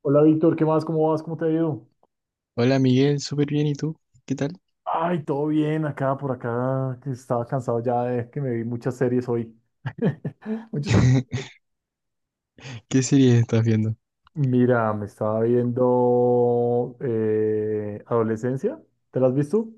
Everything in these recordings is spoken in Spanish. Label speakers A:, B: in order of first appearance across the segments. A: Hola Víctor, ¿qué más? ¿Cómo vas? ¿Cómo te ha ido?
B: Hola Miguel, súper bien, ¿y tú? ¿Qué tal?
A: Ay, todo bien acá, por acá, que estaba cansado ya de que me vi muchas series hoy. Muchos...
B: ¿Qué serie estás viendo?
A: Mira, me estaba viendo Adolescencia, ¿te la has visto?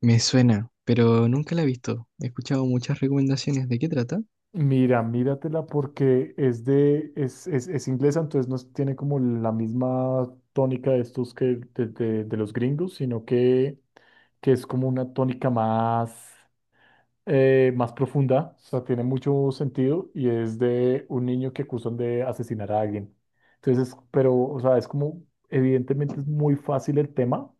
B: Me suena, pero nunca la he visto. He escuchado muchas recomendaciones. ¿De qué trata?
A: Mira, míratela porque es inglesa, entonces no es- tiene como la misma tónica de estos que de los gringos, sino que es como una tónica más más profunda, o sea, tiene mucho sentido y es de un niño que acusan de asesinar a alguien. Entonces, pero, o sea, es como, evidentemente es muy fácil el tema,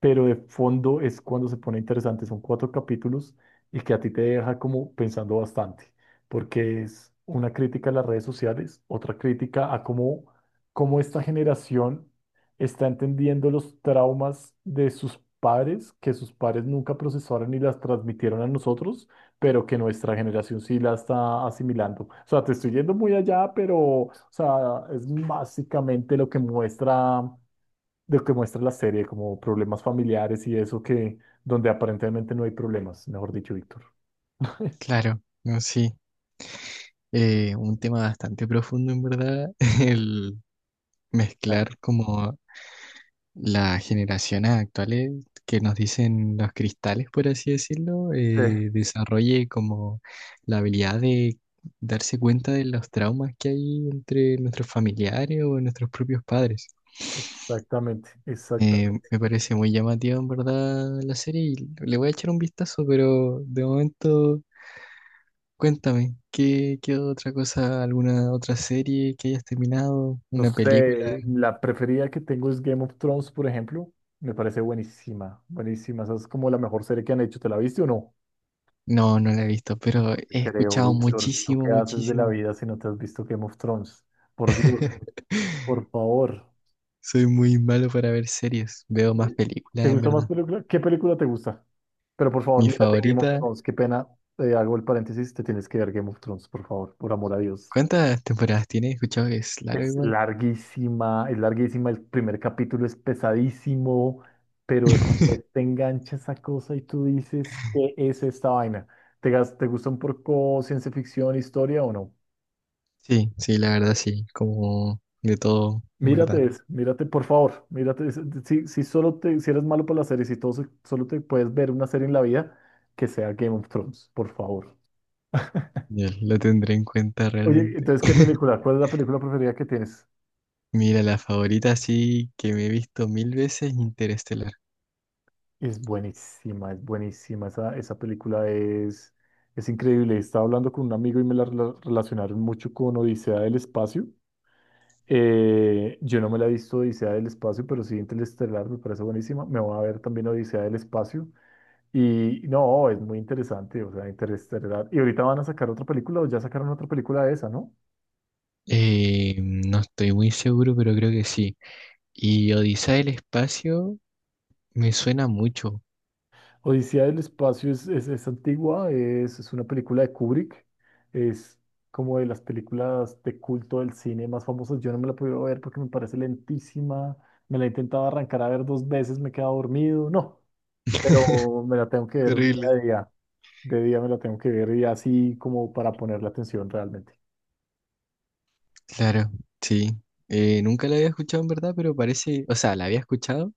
A: pero de fondo es cuando se pone interesante. Son 4 capítulos y que a ti te deja como pensando bastante, porque es una crítica a las redes sociales, otra crítica a cómo esta generación está entendiendo los traumas de sus padres, que sus padres nunca procesaron y las transmitieron a nosotros, pero que nuestra generación sí la está asimilando. O sea, te estoy yendo muy allá, pero, o sea, es básicamente lo que muestra la serie, como problemas familiares y eso que, donde aparentemente no hay problemas, mejor dicho, Víctor.
B: Claro, no, sí. Un tema bastante profundo, en verdad, el
A: Ah,
B: mezclar como las generaciones actuales que nos dicen los cristales, por así decirlo,
A: sí,
B: desarrolle como la habilidad de darse cuenta de los traumas que hay entre nuestros familiares o nuestros propios padres.
A: exactamente, exactamente.
B: Me parece muy llamativo en verdad la serie y le voy a echar un vistazo, pero de momento cuéntame, ¿ qué otra cosa, alguna otra serie que hayas terminado?
A: No
B: ¿Una película?
A: sé, la preferida que tengo es Game of Thrones, por ejemplo. Me parece buenísima, buenísima. Esa es como la mejor serie que han hecho. ¿Te la viste o no?
B: No, no la he visto, pero he
A: Creo,
B: escuchado
A: Víctor, ¿tú
B: muchísimo,
A: qué haces de la
B: muchísimo.
A: vida si no te has visto Game of Thrones? Por Dios. Por favor.
B: Soy muy malo para ver series, veo
A: ¿Sí?
B: más películas
A: ¿Te
B: en
A: gusta más
B: verdad.
A: película? ¿Qué película te gusta? Pero por favor,
B: Mi
A: mírate Game of
B: favorita,
A: Thrones. Qué pena. Hago el paréntesis. Te tienes que ver Game of Thrones, por favor, por amor a Dios.
B: ¿cuántas temporadas tiene? He escuchado que es largo
A: Es
B: igual.
A: larguísima, es larguísima. El primer capítulo es pesadísimo, pero después te engancha esa cosa y tú dices, ¿qué es esta vaina? ¿Te, te gusta un poco ciencia ficción, historia o no?
B: Sí, sí, la verdad sí, como de todo, en
A: Mírate
B: verdad.
A: eso, mírate, por favor, mírate eso. Si, si eres malo para las series y todo, solo te puedes ver una serie en la vida, que sea Game of Thrones, por favor.
B: Ya, lo tendré en cuenta
A: Oye,
B: realmente.
A: entonces, ¿qué película? ¿Cuál es la película preferida que tienes?
B: Mira, la favorita sí que me he visto mil veces, Interestelar.
A: Es buenísima, es buenísima. Esa película es increíble. Estaba hablando con un amigo y me la relacionaron mucho con Odisea del Espacio. Yo no me la he visto Odisea del Espacio, pero sí Interestelar me parece buenísima. Me voy a ver también Odisea del Espacio. Y no, es muy interesante, o sea, Interestelar. Y ahorita van a sacar otra película, o ya sacaron otra película de esa, ¿no?
B: No estoy muy seguro, pero creo que sí. Y Odisea del Espacio me suena mucho.
A: Odisea del Espacio es antigua, es una película de Kubrick, es como de las películas de culto del cine más famosas. Yo no me la he podido ver porque me parece lentísima, me la he intentado arrancar a ver dos veces, me he quedado dormido, no, pero me la tengo que ver un día
B: Terrible.
A: de día, de día me la tengo que ver y así como para ponerle atención realmente.
B: Claro, sí. Nunca la había escuchado en verdad, pero parece, o sea, la había escuchado,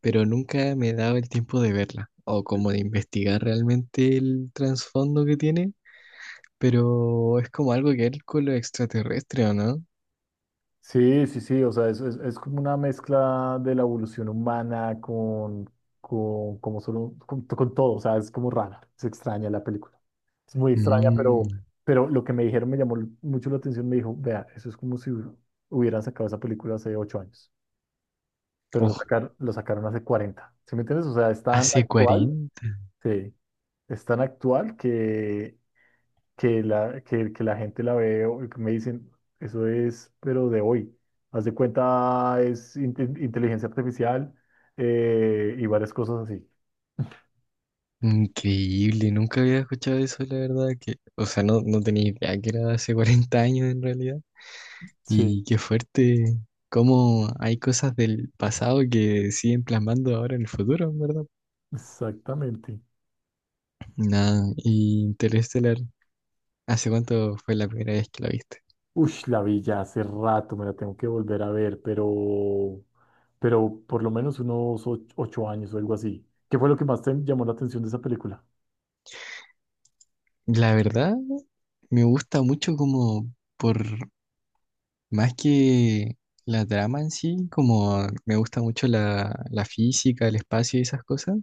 B: pero nunca me he dado el tiempo de verla o como de investigar realmente el trasfondo que tiene, pero es como algo que ver con lo extraterrestre, ¿o no?
A: Sí, sí, sí, o sea, es como una mezcla de la evolución humana con, como solo, con todo, o sea, es como rara, es extraña la película. Es muy extraña,
B: Mm.
A: pero lo que me dijeron me llamó mucho la atención, me dijo, vea, eso es como si hubieran sacado esa película hace 8 años, pero lo,
B: Oh,
A: sacaron lo sacaron hace 40, ¿sí me entiendes? O sea, es tan
B: hace
A: actual,
B: 40.
A: sí, es tan actual que la gente la ve, o que me dicen, eso es, pero de hoy. Haz de cuenta, es inteligencia artificial, y varias cosas así.
B: Increíble, nunca había escuchado eso, la verdad que, o sea, no, no tenía idea que era hace 40 años en realidad.
A: Sí,
B: Y qué fuerte, cómo hay cosas del pasado que siguen plasmando ahora en el futuro, ¿en verdad?
A: exactamente.
B: Nada, y Interestelar, ¿hace cuánto fue la primera vez que la viste?
A: Uy, la vi ya hace rato, me la tengo que volver a ver, pero por lo menos unos 8 años o algo así. ¿Qué fue lo que más te llamó la atención de esa película?
B: La verdad, me gusta mucho como por más que la trama en sí, como me gusta mucho la física, el espacio y esas cosas.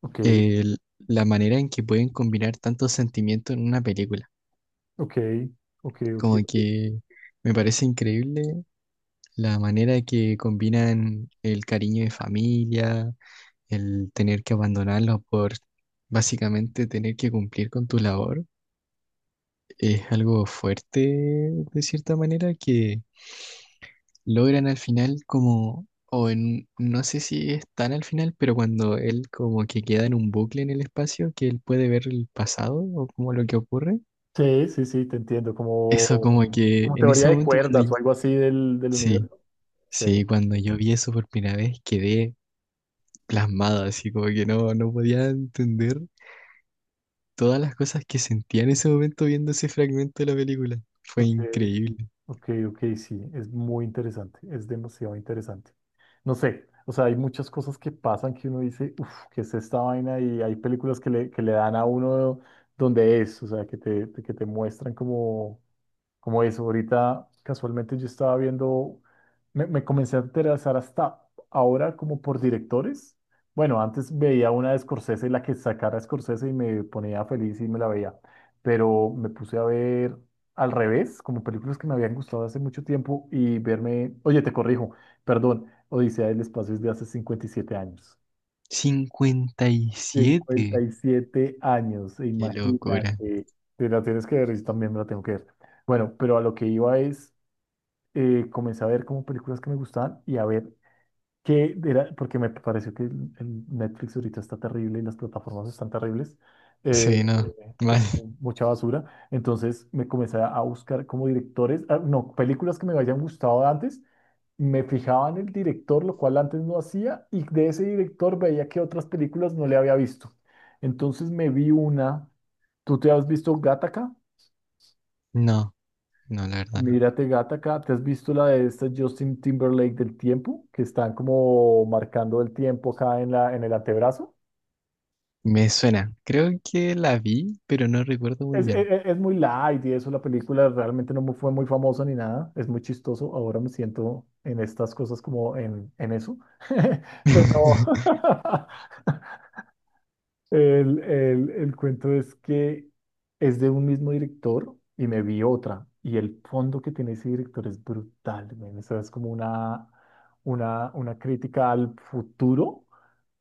A: Ok,
B: el- la manera en que pueden combinar tantos sentimientos en una película.
A: ok, ok, ok.
B: Como
A: Ok.
B: que me parece increíble la manera que combinan el cariño de familia, el tener que abandonarlos por básicamente tener que cumplir con tu labor. Es algo fuerte de cierta manera que logran al final como... O en, no sé si es tan al final, pero cuando él como que queda en un bucle en el espacio, que él puede ver el pasado o como lo que ocurre.
A: Sí, sí, sí, te entiendo,
B: Eso
A: como,
B: como que
A: como
B: en
A: teoría
B: ese
A: de
B: momento cuando
A: cuerdas
B: yo-
A: o algo así del
B: Sí,
A: universo. Sí,
B: sí, cuando yo vi eso por primera vez quedé plasmado, así como que no, no podía entender todas las cosas que sentía en ese momento viendo ese fragmento de la película. Fue
A: ok,
B: increíble.
A: ok, ok, sí, es muy interesante, es demasiado interesante. No sé, o sea, hay muchas cosas que pasan que uno dice, uff, ¿qué es esta vaina? Y hay películas que le dan a uno donde es, o sea, que te muestran como... Como eso, ahorita casualmente yo estaba viendo, me comencé a interesar hasta ahora como por directores. Bueno, antes veía una de Scorsese, la que sacara Scorsese y me ponía feliz y me la veía, pero me puse a ver al revés, como películas que me habían gustado hace mucho tiempo y verme, oye, te corrijo, perdón, Odisea del Espacio es de hace 57 años.
B: cincuenta y
A: Cincuenta
B: siete
A: y siete años,
B: Qué locura.
A: imagínate. Te la tienes que ver y también me la tengo que ver. Bueno, pero a lo que iba es comencé a ver como películas que me gustaban y a ver qué era, porque me pareció que el Netflix ahorita está terrible y las plataformas están terribles, eh,
B: Sí, no.
A: que es
B: Mal.
A: como mucha basura. Entonces me comencé a buscar como directores, ah, no, películas que me hayan gustado antes, me fijaba en el director, lo cual antes no hacía, y de ese director veía que otras películas no le había visto. Entonces me vi una, ¿tú te has visto Gattaca?
B: No, no, la verdad no.
A: Mírate, gata, acá. ¿Te has visto la de esta Justin Timberlake del tiempo? Que están como marcando el tiempo acá en en el antebrazo.
B: Me suena. Creo que la vi, pero no recuerdo muy
A: Es, es,
B: bien.
A: es muy light y eso, la película realmente no mu- fue muy famosa ni nada. Es muy chistoso. Ahora me siento en estas cosas como en eso. Pero, El cuento es que es de un mismo director y me vi otra. Y el fondo que tiene ese director es brutal, men. O sea, es como una crítica al futuro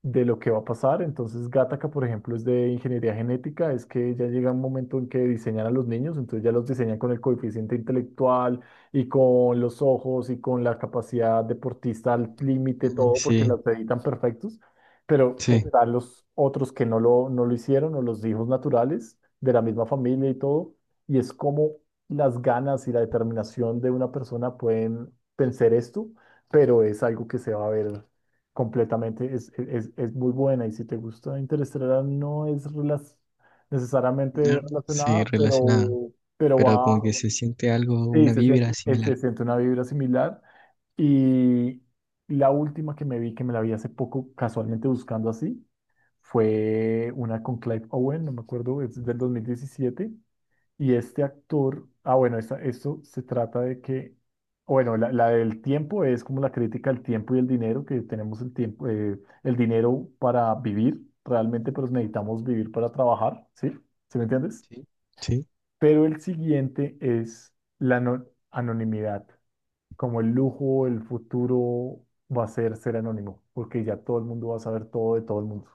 A: de lo que va a pasar. Entonces, Gattaca, por ejemplo, es de ingeniería genética, es que ya llega un momento en que diseñan a los niños, entonces ya los diseñan con el coeficiente intelectual y con los ojos y con la capacidad deportista al límite,
B: Mm,
A: todo, porque
B: sí,
A: las editan perfectos. Pero
B: sí.
A: están los otros que no lo hicieron, o los hijos naturales de la misma familia y todo. Y es como las ganas y la determinación de una persona pueden pensar esto, pero es algo que se va a ver. Completamente, es muy buena y si te gusta Interestelar no es necesariamente
B: No, sí,
A: relacionada,
B: relacionada.
A: pero
B: Pero como
A: va,
B: que se siente algo,
A: sí,
B: una vibra similar.
A: se siente una vibra similar. Y la última que me vi, que me la vi hace poco casualmente buscando así, fue una con Clive Owen, no me acuerdo, es del 2017 y este actor, ah, bueno, esto se trata de que, bueno, la del tiempo es como la crítica al tiempo y el dinero, que tenemos el tiempo, el dinero para vivir realmente, pero necesitamos vivir para trabajar, ¿sí? ¿Sí me entiendes?
B: Sí. Sí,
A: Pero el siguiente es la anonimidad, como el lujo, el futuro va a ser ser anónimo, porque ya todo el mundo va a saber todo de todo el mundo.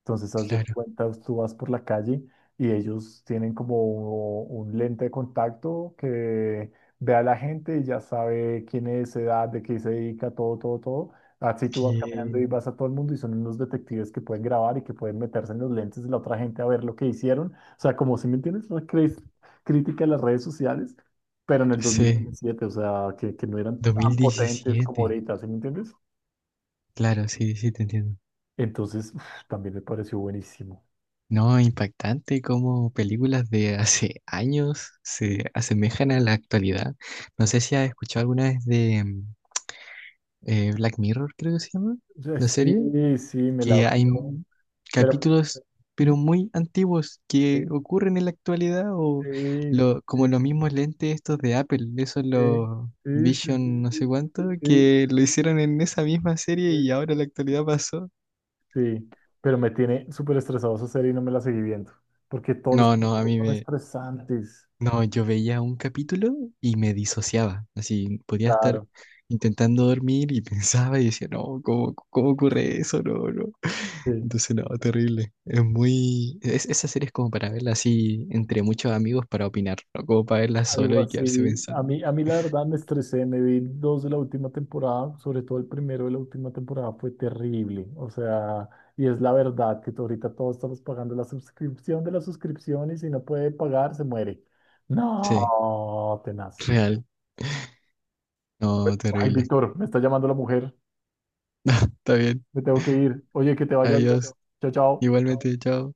A: Entonces, haz de
B: claro.
A: cuenta, tú vas por la calle y ellos tienen como un lente de contacto que ve a la gente y ya sabe quién es, edad, de qué se dedica, todo, todo, todo. Así tú vas caminando y
B: Bien.
A: vas a todo el mundo y son unos detectives que pueden grabar y que pueden meterse en los lentes de la otra gente a ver lo que hicieron. O sea, como si me entiendes, una crítica a las redes sociales, pero en el
B: Sí,
A: 2017, o sea, que no eran tan potentes como
B: 2017.
A: ahorita, ¿sí me entiendes?
B: Claro, sí, sí, te entiendo.
A: Entonces, uf, también me pareció buenísimo.
B: No, impactante cómo películas de hace años se asemejan a la actualidad. No sé si has escuchado alguna vez de Black Mirror, creo que se llama,
A: Yo
B: la serie.
A: sí, sí, me la
B: que hay
A: veo.
B: m-
A: Pero
B: capítulos,
A: mm,
B: pero muy antiguos, que
A: sí,
B: ocurren en la actualidad, o
A: sí,
B: lo, como
A: sí,
B: los mismos lentes estos de Apple, esos
A: sí,
B: los
A: sí, sí,
B: Vision no sé
A: sí,
B: cuánto,
A: sí, sí,
B: que lo hicieron en esa misma serie
A: sí,
B: y ahora en la actualidad pasó.
A: sí. Pero me tiene súper estresado esa serie y no me la seguí viendo. Porque todos los
B: No, no, a
A: capítulos
B: mí
A: son
B: me...
A: estresantes.
B: No, yo veía un capítulo y me disociaba, así podía estar
A: Claro.
B: intentando dormir y pensaba y decía, no, ¿cómo, cómo ocurre eso? No, no.
A: Sí.
B: Entonces, no, terrible. Es muy. Es, esa serie es como para verla así entre muchos amigos para opinar, no como para verla solo
A: Algo
B: y quedarse
A: así.
B: pensando.
A: A mí la verdad me estresé, me vi dos de la última temporada, sobre todo el primero de la última temporada fue terrible. O sea, y es la verdad que ahorita todos estamos pagando la suscripción de la suscripción y si no puede pagar, se muere.
B: Sí,
A: No, tenaz.
B: real. No,
A: Ay,
B: terrible.
A: Víctor, me está llamando la mujer.
B: Está bien.
A: Me tengo que ir. Oye, que te vaya bien.
B: Adiós.
A: Chao, chao.
B: Igualmente, chao.